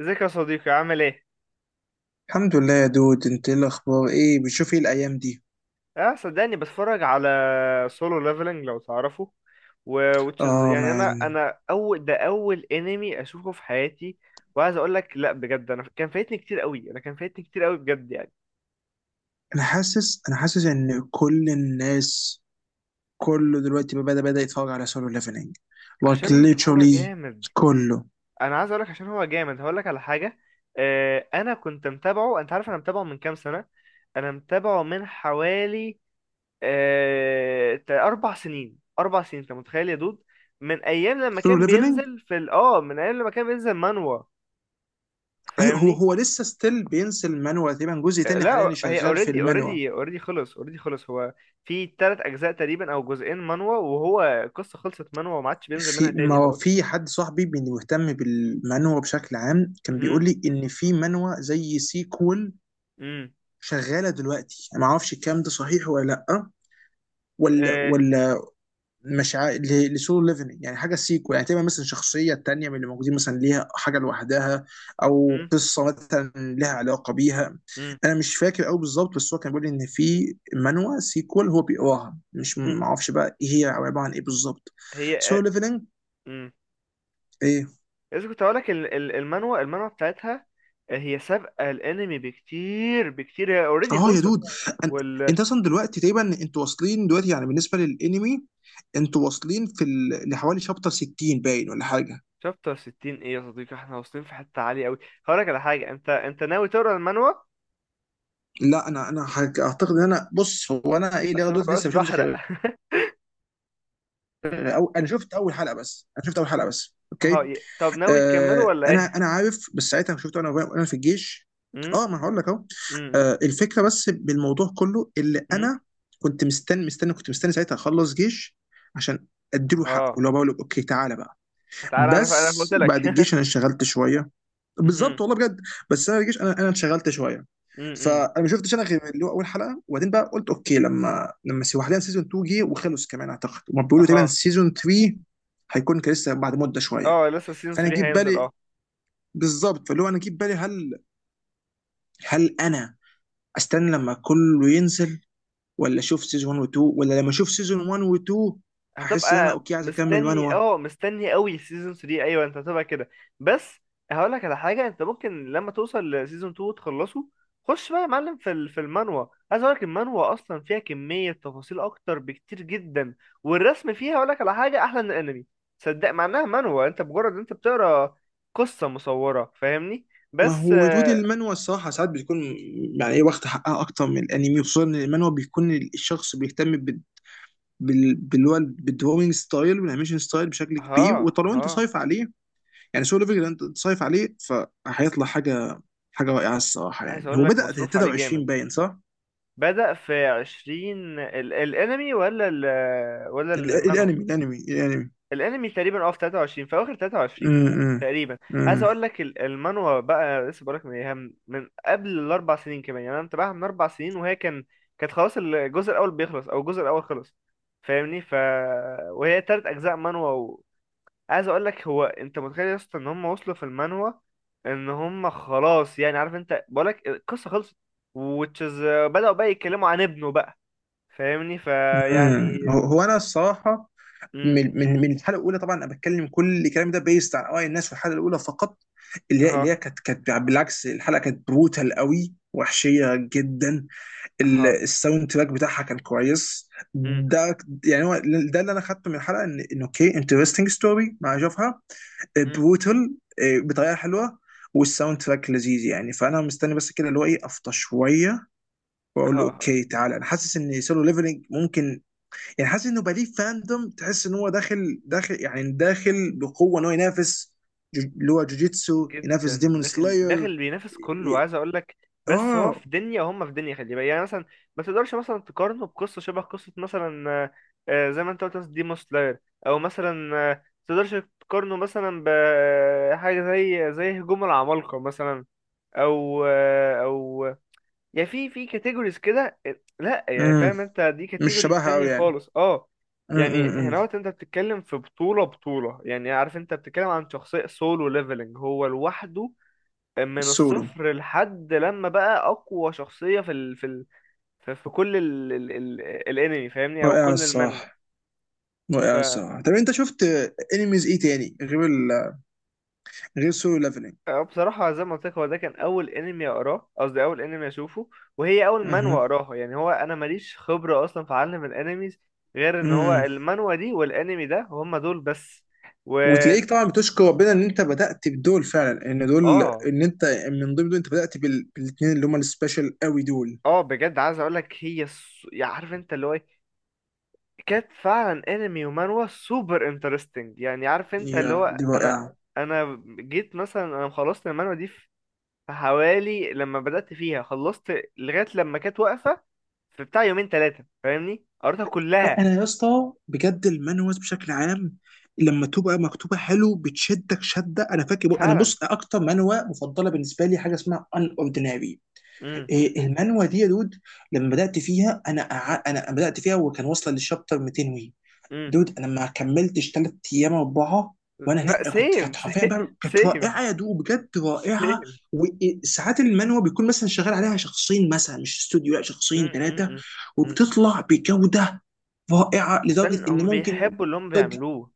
ازيك يا صديقي، عامل ايه؟ الحمد لله يا دود، انت ايه الاخبار؟ ايه بتشوف ايه الايام دي؟ اه، صدقني بتفرج على سولو ليفلنج لو تعرفه. و which is اه يعني انا مان. انا اول انمي اشوفه في حياتي. وعايز اقول لك لا بجد، انا كان فايتني كتير قوي، انا كان فايتني كتير قوي بجد يعني. انا حاسس ان كل الناس، كله دلوقتي بدأ يتفرج على سولو ليفلنج. Like عشان هو literally جامد. كله انا عايز اقول لك عشان هو جامد، هقول لك على حاجة. اه انا كنت متابعه، انت عارف انا متابعه من كام سنة. انا متابعه من حوالي 4 سنين، 4 سنين، أنت متخيل يا دود؟ من أيام لما سولو كان ليفلنج. بينزل في ال آه من أيام لما كان بينزل مانوا. ايوه، هو فاهمني؟ هو لسه ستيل بينزل المانوا، تقريبا جزء تاني حاليا لا، هي شغال في اوريدي المانوا. اوريدي اوريدي خلص اوريدي خلص هو في 3 أجزاء تقريبا، أو جزئين مانوا، وهو القصة خلصت مانوا وما عادش بينزل منها في، ما تاني هو خلاص. في حد صاحبي مهتم بالمانوا بشكل عام، كان مهم. بيقول لي ان في مانوا زي سيكول مم. شغاله دلوقتي. انا ما اعرفش الكلام ده صحيح ولا لا، ولا آه. ولا مش عا... ل- لسولو ليفلنج يعني حاجه سيكو، يعني تبقى مثلا شخصيه تانية من اللي موجودين مثلا ليها حاجه لوحدها، او مم. قصه مثلا لها علاقه بيها. مم. انا مش فاكر قوي بالظبط، بس هو كان بيقول لي ان في مانوا سيكول هو بيقراها. مش، مهم. ما اعرفش بقى ايه هي او عباره عن ايه بالظبط. هي سولو آه. ليفلنج. مم. ايه؟ لسه كنت هقولك المانوا بتاعتها. هي سابقة الأنمي بكتير بكتير، هي اوريدي اه يا خلصت. دود. أن... انت اصلا دلوقتي تقريبا انتوا واصلين دلوقتي، يعني بالنسبه للانمي انتوا واصلين لحوالي شابتر 60، باين ولا حاجه؟ شابتر 60 ايه يا صديقي؟ احنا واصلين في حتة عالية قوي. هقولك على حاجة، انت ناوي تقرا المانوا؟ لا، اعتقد ان انا، بص، هو انا ايه لغايه عشان ما دلوقتي بقاش لسه ما شفتش بحرق غير، أو انا شفت اول حلقه بس. انا شفت اول حلقه بس، اهو اوكي. طب، ناوي تكمله ولا انا ايه؟ انا عارف، بس ساعتها شفته انا وانا في الجيش. امم. اه ما هقول لك اهو. امم. الفكره بس بالموضوع كله اللي امم. انا كنت مستني ساعتها اخلص جيش، عشان اديله حقه اهو اللي هو بقول له اوكي تعالى بقى. تعالى، انا انا قلت بس لك بعد الجيش انا اشتغلت شويه، امم. بالظبط، والله بجد. بس انا رجعش، انا انشغلت شويه. امم. فانا ما شفتش انا غير اللي هو اول حلقه، وبعدين بقى قلت اوكي. لما سي وحدها سيزون 2 جه وخلص كمان اعتقد، وما بيقولوا تقريبا اهو. سيزون 3 هيكون كان لسه بعد مده شويه. اه لسه سيزون فانا 3 جيب هينزل بالي اه. بالظبط، فاللي هو انا جيب بالي، هل انا استنى لما كله ينزل، ولا اشوف سيزون 1 و2، ولا لما اشوف سيزون 1 و2 هحس ان انا هتبقى اوكي عايز اكمل مستني، 1. مستني قوي سيزون 3. ايوه، انت هتبقى كده. بس هقول لك على حاجه، انت ممكن لما توصل لسيزون 2 وتخلصه، خش بقى يا معلم في المانوا. عايز اقول لك المانوا اصلا فيها كميه تفاصيل اكتر بكتير جدا، والرسم فيها هقول لك على حاجه احلى من الانمي. صدق، مع انها مانوا، انت مجرد انت بتقرا قصه مصوره فاهمني. ما بس هو ردود آه، المانوا الصراحة ساعات بيكون يعني ايه، واخد حقها أكتر من الأنمي، خصوصا إن المانوا بيكون الشخص بيهتم باللي هو بالدروينج ستايل والانيميشن ستايل بشكل كبير. ها وطالما أنت ها. صايف عليه، يعني سولو ليفل أنت صايف عليه، فهيطلع حاجة رائعة الصراحة. عايز يعني اقول هو لك بدأ مصروف عليه 23 جامد. باين، صح؟ بدأ في عشرين الانمي ولا المانوا؟ الأنمي. الانمي تقريبا، في 23، في اواخر 23 امم تقريبا. عايز امم اقول لك المانوا بقى لسه، بقول لك من إيه، من من قبل الاربع سنين كمان، يعني انا متابعها من 4 سنين، وهي كانت خلاص الجزء الاول بيخلص، او الجزء الاول خلص. فاهمني. وهي 3 اجزاء مانوا. عايز اقول لك، هو انت متخيل يا اسطى ان هم وصلوا في المانوا ان هم خلاص؟ يعني عارف انت، بقول لك القصه خلصت، وتشز بدأوا بقى يتكلموا عن ابنه بقى. فاهمني فيعني. هو أنا الصراحة امم. من الحلقه الاولى. طبعا انا بتكلم كل الكلام ده بيست عن اراء الناس في الحلقه الاولى فقط. اللي هي ها كانت بالعكس، الحلقه كانت بروتال قوي، وحشيه جدا. ها. الساوند تراك بتاعها كان كويس. امم. ده، يعني هو، ده اللي انا خدته من الحلقه، ان اوكي، انترستنج ستوري مع جوفها، امم. بروتال بطريقه حلوه، والساوند تراك لذيذ. يعني فانا مستني بس كده، اللي هو ايه، افطر شويه ها واقول له ها. اوكي تعالى. انا حاسس ان سولو ليفلنج ممكن، يعني حاسس انه بقى ليه فاندوم، تحس ان هو داخل داخل، يعني داخل بقوه، ان هو ينافس، اللي هو جوجيتسو، ينافس جدا ديمون داخل سلاير. داخل، بينافس كله، وعايز اقول لك، بس هو اه. في دنيا وهم في دنيا خلي بالك يعني. مثلا ما تقدرش مثلا تقارنه بقصه شبه قصه مثلا، زي ما انت قلت مثلا ديمون سلاير، او مثلا ما تقدرش تقارنه مثلا بحاجه زي هجوم العمالقه مثلا، او يعني في كاتيجوريز كده. لا يعني، امم فاهم انت، دي مش كاتيجوري شبهها تانية قوي يعني. خالص اه. يعني امم هناوت، انت بتتكلم في بطولة بطولة، يعني عارف انت بتتكلم عن شخصية سولو ليفلنج هو لوحده، من السولو. الصفر لحد لما بقى اقوى شخصية في ال في في كل ال ال ال الانمي فاهمني، او رائع كل المانجا. الصراحه، رائع الصراحه. طب انت شفت انميز ايه تاني غير غير سولو ليفلنج؟ اه، بصراحة زي ما قلت لك، هو ده كان أول أنمي أقراه، قصدي أول أنمي أشوفه، وهي أول منوى اها. أقراها. يعني هو أنا ماليش خبرة أصلا في عالم الأنميز، غير إن هو امم المانوا دي والأنمي ده هما دول بس. و وتلاقيك طبعا بتشكر ربنا ان انت بدات بدول فعلا. ان دول، آه ان انت من ضمن دول، انت بدات بالاثنين اللي هم السبيشال قوي دول. آه بجد عايز أقول لك، هي يعني عارف أنت اللي هو إيه، كانت فعلا أنمي ومانوا سوبر انترستنج. يعني عارف أنت اللي يا هو دي أنا، رائعه. أنا جيت مثلا أنا خلصت المانوا دي فحوالي، لما بدأت فيها خلصت لغاية لما كانت واقفة، في بتاع يومين ثلاثة، فاهمني، قريتها كلها. انا يا اسطى بجد، المانوز بشكل عام لما تبقى مكتوبه حلو بتشدك شده. انا فاكر انا، فعلا. بص، اكتر منوه مفضله بالنسبه لي حاجه اسمها ان اورديناري. امم. المانوه دي يا دود، لما بدات فيها انا امم. انا بدات فيها وكان واصله للشابتر 200 وي. امم. دود، انا ما كملتش ثلاث ايام، اربعه وانا لا، هناك، كنت سيم، كانت حرفيا سيم، بقى كانت سيم، رائعه، يا دود بجد رائعه. سيم وساعات المانوه بيكون مثلا شغال عليها شخصين، مثلا مش استوديو، لا شخصين امم. امم. ثلاثه، امم. امم. وبتطلع بجوده رائعه لدرجه عشان ان هم ممكن بيحبوا اللي هم تودي بيعملوه.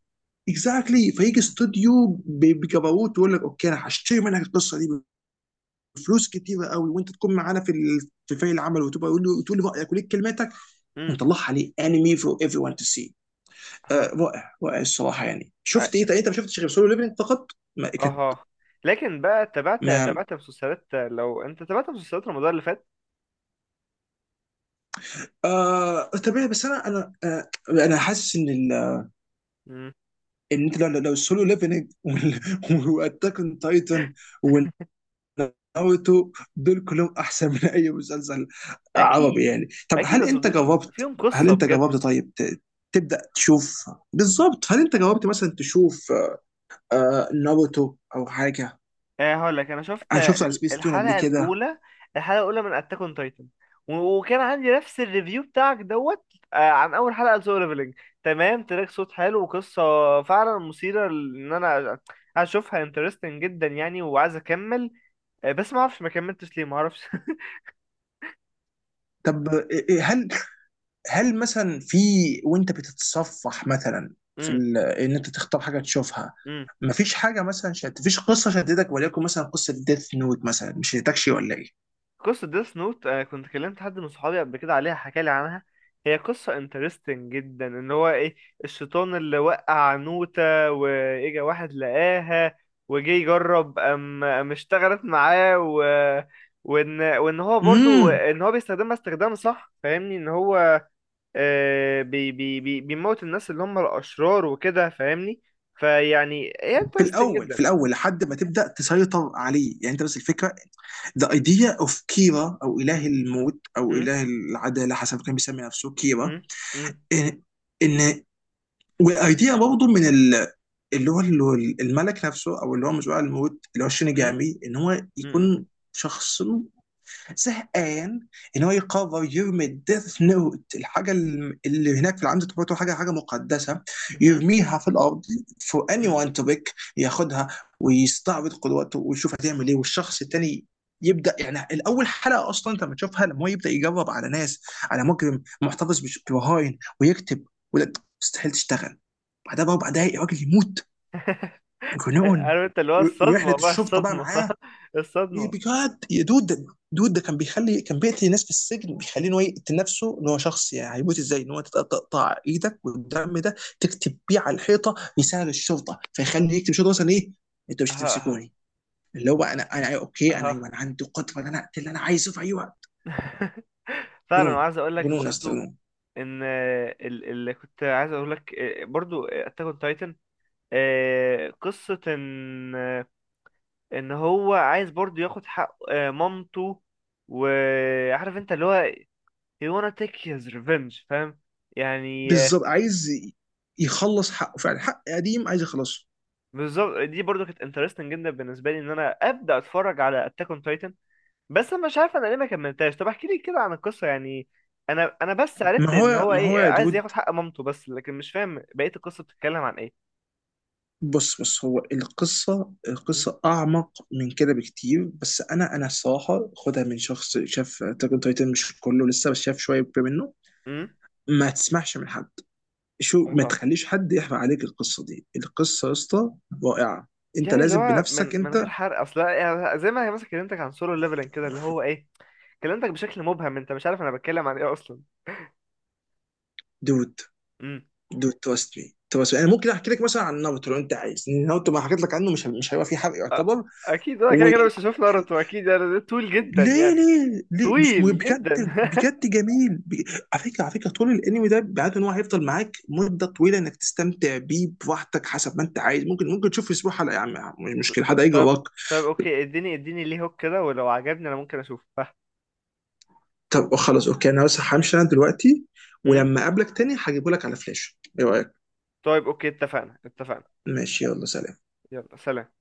اكزاكتلي exactly. فيجي امم. استوديو بجبروت ويقول لك اوكي انا هشتري منك القصه دي بفلوس كتيره قوي، وانت تكون معانا في فريق العمل، وتبقى يقول له، تقول لي رايك وليك كلماتك، امم. ونطلعها ليه انمي فور ايفري ون تو سي. ها. رائع، رائع الصراحه. يعني اه. شفت ايه؟ طيب انت ما شفتش غير سولو ليفلنج فقط؟ ما كانت آه. لكن بقى تابعت ما تابعت مسلسلات، لو انت تابعت مسلسلات رمضان اللي فات. آه طبيعي. بس انا حاسس ان امم. ان انت لو السولو ليفلنج واتاك اون تايتن ناروتو دول كلهم احسن من اي مسلسل عربي اكيد، يعني. طب اكيد هل يا انت صديقي، جربت؟ فيهم قصة بجد. طيب تبدا تشوف، بالظبط. هل انت جربت مثلا تشوف ناروتو او حاجه؟ هقول لك انا شفت انا شفته على سبيس تون قبل الحلقه كده. الاولى، الحلقه الاولى من اتاك اون تايتن، وكان عندي نفس الريفيو بتاعك دوت. عن اول حلقه لسولو ليفلنج. تمام، تراك صوت حلو، وقصه فعلا مثيره، ان انا اشوفها انترستنج جدا يعني، وعايز اكمل. بس ما اعرفش ما كملتش ليه، ما اعرفش طب إيه- إيه، هل مثلا في، وانت بتتصفح مثلا ان انت تختار حاجه تشوفها، امم. مفيش حاجه مثلا مفيش قصه شدتك وليكن مثلا قصه ديث نوت مثلا مش شدتكش ولا ايه؟ قصة ديس نوت، أنا كنت كلمت حد من صحابي قبل كده عليها، حكالي عنها. هي قصة انترستنج جدا، ان هو ايه، الشيطان اللي وقع نوتة، واجا واحد لقاها، وجه يجرب ام ام اشتغلت معاه. وان هو برضو امم ان هو بيستخدمها استخدام صح، فاهمني، ان هو بي بي بي بيموت الناس اللي هم الاشرار وكده، فاهمني فيعني، هي في انترستنج الاول، في جدا. الاول لحد ما تبدا تسيطر عليه، يعني انت، بس الفكره، ذا ايديا اوف كيرا او اله الموت او م- اله العداله حسب كان بيسمي نفسه كيرا. م- م- ان ان وايديا برضه من اللي هو الملك نفسه او اللي هو مزوع الموت اللي هو م- شينيجامي، ان هو م- يكون شخص زهقان، ان هو يقرر يرمي الديث نوت، الحاجه اللي هناك في العمد تعتبر حاجه مقدسه، م- م- يرميها في الارض فور اني م- وان تو بيك ياخدها، ويستعرض قدراته ويشوف هتعمل ايه، والشخص التاني يبدا يعني. الاول حلقه اصلا انت لما تشوفها، لما هو يبدا يجرب على ناس، على مجرم محتفظ ببهاين ويكتب، ولا، مستحيل تشتغل، بعدها باربع دقايق الراجل يموت. جنون. عارف انت اللي هو رحله الصدمة بقى، الشرطه بقى الصدمة معاه، الصدمة. بجد يا دود. دود، ده كان بيخلي، كان بيقتل ناس في السجن بيخليه ان هو يقتل نفسه، ان هو شخص يعني هيموت ازاي، ان هو تقطع ايدك والدم ده تكتب بيه على الحيطه، مثال الشرطه فيخلي يكتب شرطه مثلا ايه، انتوا مش اها. هتمسكوني، اللي هو انا أيوة اوكي، انا ايوه، اها انا عندي قدره ان انا اقتل اللي انا عايزه في اي وقت. فعلا، جنون، وعايز اقول لك جنون يا اسطى، برضو، جنون. ان اللي كنت عايز اقول لك برضو اتاك اون تايتن، قصة ان، ان هو عايز برضو ياخد حق مامته، وعارف انت اللي هو he wanna take his revenge، فاهم يعني. بالظبط عايز يخلص حقه فعلا، حق قديم عايز يخلصه. بالظبط، دي برضو كانت interesting جدا بالنسبة لي، ان انا ابدا اتفرج على اتاك اون تايتن. بس انا مش عارف انا ليه ما كملتهاش. طب احكي لي كده عن القصه يعني، انا بس ما عرفت ان هو هو ما هو ايه يا عايز دود، ياخد حق مامته بس، لكن مش فاهم بقيه القصه بتتكلم عن ايه. بص بص، هو القصة، امم. القصة أعمق من كده بكتير، بس أنا الصراحة خدها من شخص شاف أتاك أون تايتن مش كله لسه، بس شاف شوية منه. أمم؟ ما تسمعش من حد، شو ما اها. تخليش حد يحرق عليك القصة دي. القصة يا اسطى رائعة، أنت يعني اللي لازم هو من بنفسك من غير أنت. حرق اصل، يعني زي ما هي مثلا كلمتك عن سولو ليفلنج كده، اللي هو ايه، كلمتك بشكل مبهم، انت مش عارف انا بتكلم عن ايه اصلا. دود امم. دود، تراست مي، تراست مي. أنا ممكن أحكي لك مثلا عن ناruto لو أنت عايز. إن ناروتو ما حكيت لك عنه مش هيبقى فيه حرق أ- يعتبر. اكيد انا و، كده كده مش هشوف ناروتو اكيد، يعني ده طويل جدا ليه يعني، ليه ليه، مش مهم طويل بجد، جدا بجد جميل على فكره، على فكره طول الانمي ده، بعد ان هو هيفضل معاك مده طويله انك تستمتع بيه براحتك حسب ما انت عايز. ممكن، ممكن تشوف اسبوع حلقه يا عم، مش ط- مشكله، حد ط- هيجي طب وراك. طب اوكي، اديني اديني ليه هوك كده، ولو عجبني انا ممكن اشوفه. طب خلاص اوكي، انا بس همشي انا دلوقتي، ولما اقابلك تاني هجيبه لك على فلاش، ايه رايك؟ طيب اوكي، اتفقنا اتفقنا. ماشي، يلا سلام. يلا سلام.